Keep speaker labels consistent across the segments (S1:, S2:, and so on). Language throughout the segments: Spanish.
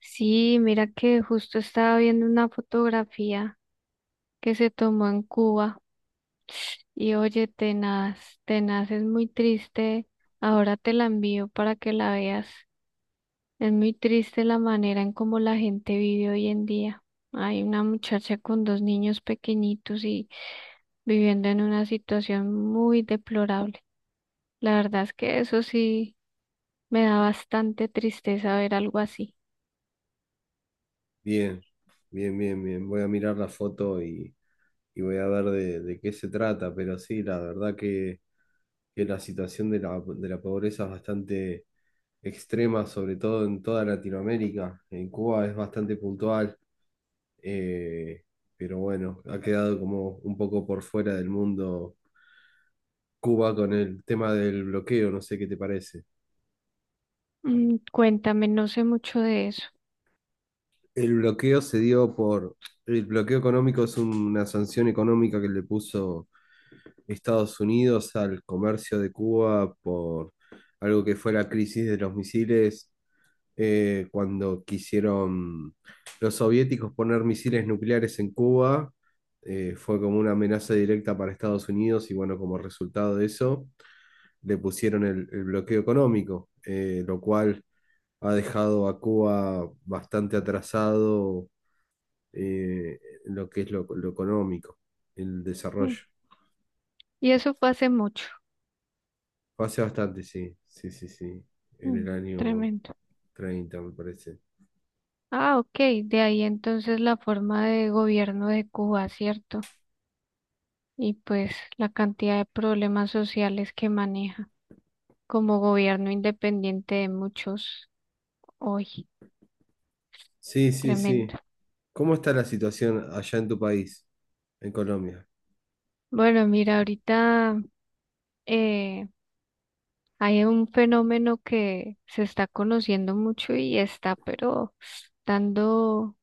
S1: Sí, mira que justo estaba viendo una fotografía que se tomó en Cuba y oye, tenaz, tenaz, es muy triste. Ahora te la envío para que la veas. Es muy triste la manera en cómo la gente vive hoy en día. Hay una muchacha con dos niños pequeñitos y viviendo en una situación muy deplorable. La verdad es que eso sí me da bastante tristeza ver algo así.
S2: Bien, bien. Voy a mirar la foto y voy a ver de qué se trata, pero sí, la verdad que la situación de de la pobreza es bastante extrema, sobre todo en toda Latinoamérica. En Cuba es bastante puntual. eh, pero bueno, ha quedado como un poco por fuera del mundo Cuba con el tema del bloqueo, no sé qué te parece.
S1: Cuéntame, no sé mucho de eso.
S2: El bloqueo se dio por... El bloqueo económico es una sanción económica que le puso Estados Unidos al comercio de Cuba por algo que fue la crisis de los misiles, cuando quisieron los soviéticos poner misiles nucleares en Cuba. Fue como una amenaza directa para Estados Unidos y bueno, como resultado de eso le pusieron el bloqueo económico. Lo cual ha dejado a Cuba bastante atrasado, eh, en lo que es lo económico, el desarrollo.
S1: Mm. Y eso fue hace mucho.
S2: Fue hace bastante, sí, en el
S1: Mm,
S2: año
S1: tremendo.
S2: 30 me parece.
S1: Ah, ok. De ahí entonces la forma de gobierno de Cuba, ¿cierto? Y pues la cantidad de problemas sociales que maneja como gobierno independiente de muchos hoy.
S2: Sí, sí,
S1: Tremendo.
S2: sí. ¿Cómo está la situación allá en tu país, en Colombia?
S1: Bueno, mira, ahorita eh, hay un fenómeno que se está conociendo mucho y está, pero dando,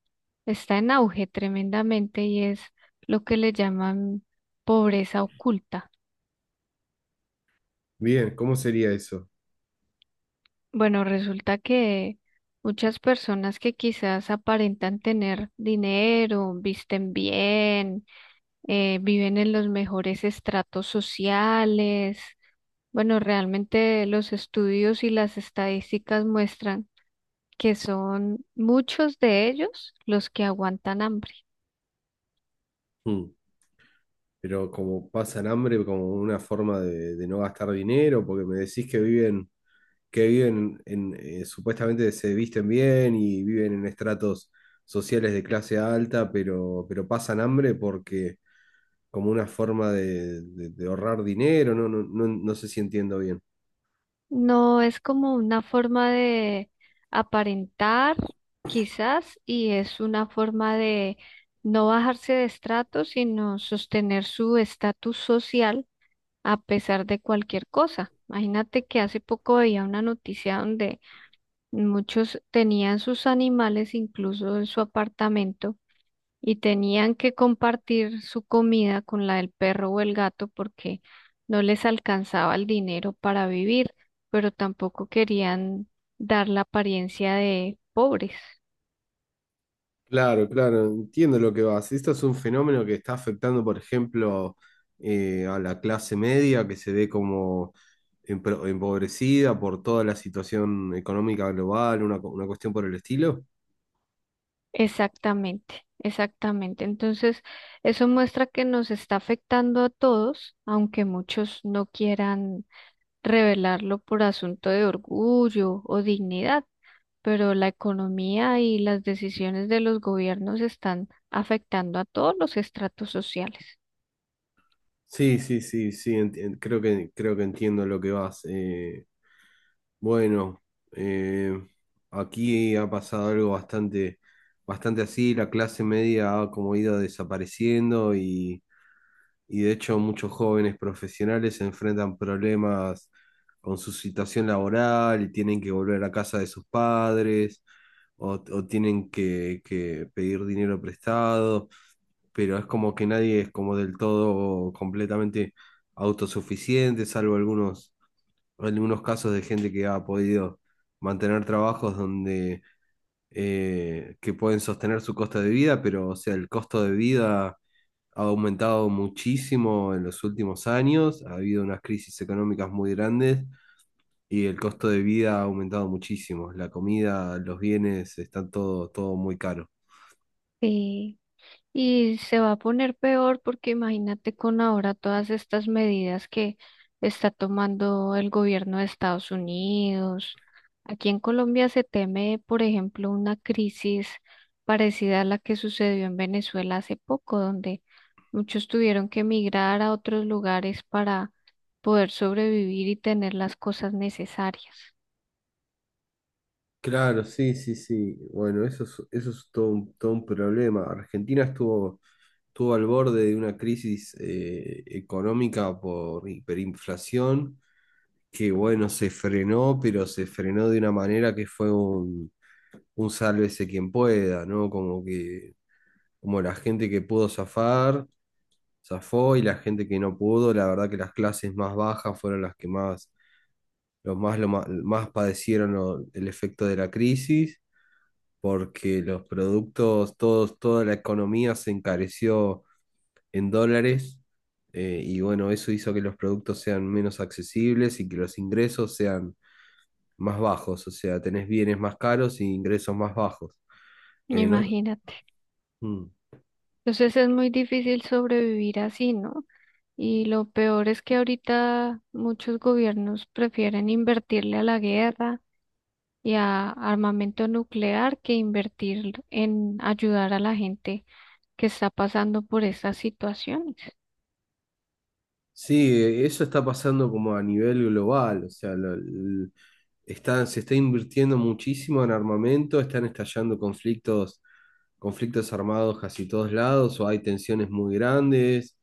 S1: está en auge tremendamente y es lo que le llaman pobreza oculta.
S2: Bien, ¿cómo sería eso?
S1: Bueno, resulta que muchas personas que quizás aparentan tener dinero, visten bien, viven en los mejores estratos sociales. Bueno, realmente los estudios y las estadísticas muestran que son muchos de ellos los que aguantan hambre.
S2: Hmm. Pero como pasan hambre, como una forma de no gastar dinero, porque me decís que viven en, supuestamente se visten bien y viven en estratos sociales de clase alta, pero pasan hambre porque como una forma de ahorrar dinero. No sé si entiendo bien.
S1: No es como una forma de aparentar, quizás, y es una forma de no bajarse de estrato, sino sostener su estatus social a pesar de cualquier cosa. Imagínate que hace poco veía una noticia donde muchos tenían sus animales incluso en su apartamento y tenían que compartir su comida con la del perro o el gato porque no les alcanzaba el dinero para vivir, pero tampoco querían dar la apariencia de pobres.
S2: Claro, claro, entiendo lo que vas. Esto es un fenómeno que está afectando, por ejemplo, a la clase media, que se ve como empobrecida por toda la situación económica global, una cuestión por el estilo.
S1: Exactamente, exactamente. Entonces, eso muestra que nos está afectando a todos, aunque muchos no quieran revelarlo por asunto de orgullo o dignidad. Pero la economía y las decisiones de los gobiernos están afectando a todos los estratos sociales.
S2: Sí, creo creo que entiendo lo que vas. Bueno, eh, aquí ha pasado algo bastante así. La clase media ha como ido desapareciendo, y de hecho muchos jóvenes profesionales se enfrentan problemas con su situación laboral y tienen que volver a casa de sus padres, o tienen que pedir dinero prestado, pero es como que nadie es como del todo completamente autosuficiente, salvo algunos casos de gente que ha podido mantener trabajos donde que pueden sostener su costo de vida. Pero o sea, el costo de vida ha aumentado muchísimo en los últimos años, ha habido unas crisis económicas muy grandes y el costo de vida ha aumentado muchísimo. La comida, los bienes, están todo muy caro.
S1: Sí. Y se va a poner peor porque imagínate con ahora todas estas medidas que está tomando el gobierno de Estados Unidos. Aquí en Colombia se teme, por ejemplo, una crisis parecida a la que sucedió en Venezuela hace poco, donde muchos tuvieron que emigrar a otros lugares para poder sobrevivir y tener las cosas necesarias.
S2: Claro, sí, sí, sí. Bueno, eso es todo todo un problema. Estuvo al borde de una crisis económica por hiperinflación, que bueno, se frenó, pero se frenó de una manera que fue un sálvese quien pueda, ¿no? Como que, como la gente que pudo zafar, zafó, y la gente que no pudo, la verdad que las clases más bajas fueron las que más, los más, lo más, más padecieron el efecto de la crisis. Porque los productos, toda la economía se encareció en dólares. Y bueno, eso hizo que los productos sean menos accesibles y que los ingresos sean más bajos, o sea, tenés bienes más caros y ingresos más bajos. No.
S1: Imagínate.
S2: Mm.
S1: Entonces es muy difícil sobrevivir así, ¿no? Y lo peor es que ahorita muchos gobiernos prefieren invertirle a la guerra y a armamento nuclear que invertir en ayudar a la gente que está pasando por estas situaciones.
S2: Sí, eso está pasando como a nivel global, o sea, se está invirtiendo muchísimo en armamento, están estallando conflictos armados casi todos lados, o hay tensiones muy grandes.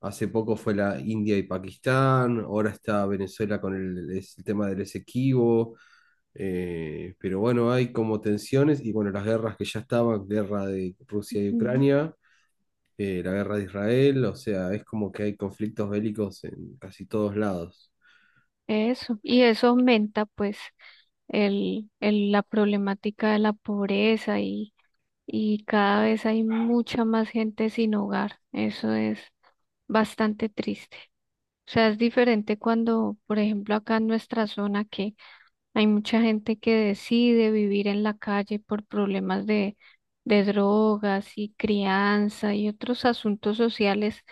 S2: Hace poco fue la India y Pakistán, ahora está Venezuela con el tema del Esequibo. Pero bueno, hay como tensiones y bueno, las guerras que ya estaban, guerra de Rusia y
S1: Ujú.
S2: Ucrania, la guerra de Israel, o sea, es como que hay conflictos bélicos en casi todos lados.
S1: Eso. Y eso aumenta pues la problemática de la pobreza y cada vez hay mucha más gente sin hogar. Eso es bastante triste. O sea, es diferente cuando, por ejemplo, acá en nuestra zona que hay mucha gente que decide vivir en la calle por problemas de drogas y crianza y otros asuntos sociales,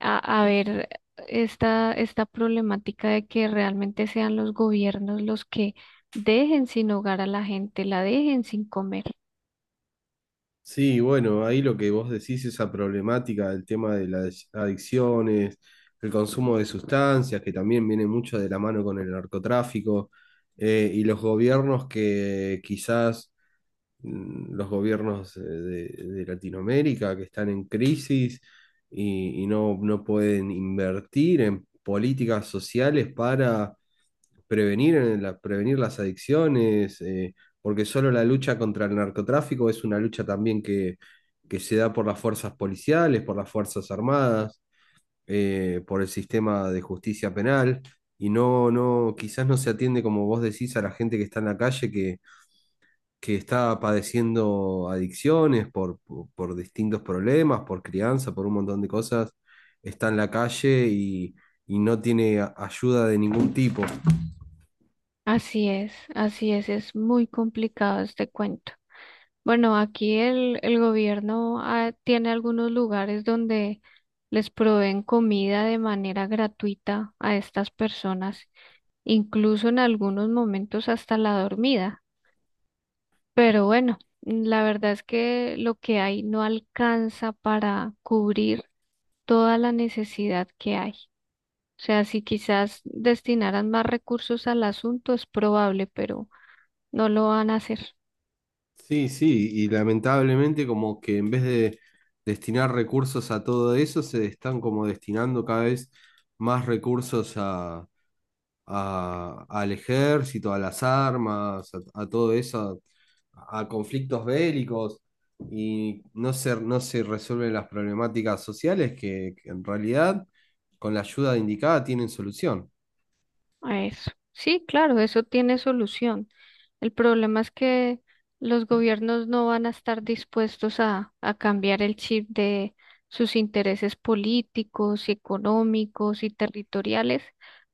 S1: a ver esta problemática de que realmente sean los gobiernos los que dejen sin hogar a la gente, la dejen sin comer.
S2: Sí, bueno, ahí lo que vos decís, esa problemática del tema de las adicciones, el consumo de sustancias, que también viene mucho de la mano con el narcotráfico. Y los gobiernos que quizás los gobiernos de Latinoamérica que están en crisis y no pueden invertir en políticas sociales para prevenir, prevenir las adicciones. Porque solo la lucha contra el narcotráfico es una lucha también que se da por las fuerzas policiales, por las fuerzas armadas, por el sistema de justicia penal. Quizás no se atiende, como vos decís, a la gente que está en la calle que está padeciendo adicciones por distintos problemas, por crianza, por un montón de cosas, está en la calle y no tiene ayuda de ningún tipo.
S1: Así es muy complicado este cuento. Bueno, aquí el gobierno tiene algunos lugares donde les proveen comida de manera gratuita a estas personas, incluso en algunos momentos hasta la dormida. Pero bueno, la verdad es que lo que hay no alcanza para cubrir toda la necesidad que hay. O sea, si quizás destinaran más recursos al asunto es probable, pero no lo van a hacer
S2: Sí, sí, y lamentablemente como que en vez de destinar recursos a todo eso, se están como destinando cada vez más recursos al ejército, a las armas, a todo eso, a conflictos bélicos, y no se resuelven las problemáticas sociales que en realidad con la ayuda indicada tienen solución.
S1: a eso. Sí, claro, eso tiene solución. El problema es que los gobiernos no van a estar dispuestos a cambiar el chip de sus intereses políticos, económicos y territoriales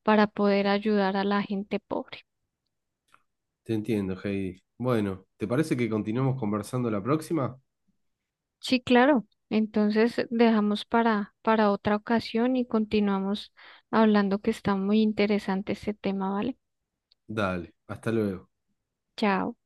S1: para poder ayudar a la gente pobre.
S2: Te entiendo, Heidi. Bueno, ¿te parece que continuemos conversando la próxima?
S1: Sí, claro. Entonces dejamos para otra ocasión y continuamos hablando que está muy interesante este tema, ¿vale?
S2: Dale, hasta luego.
S1: Chao.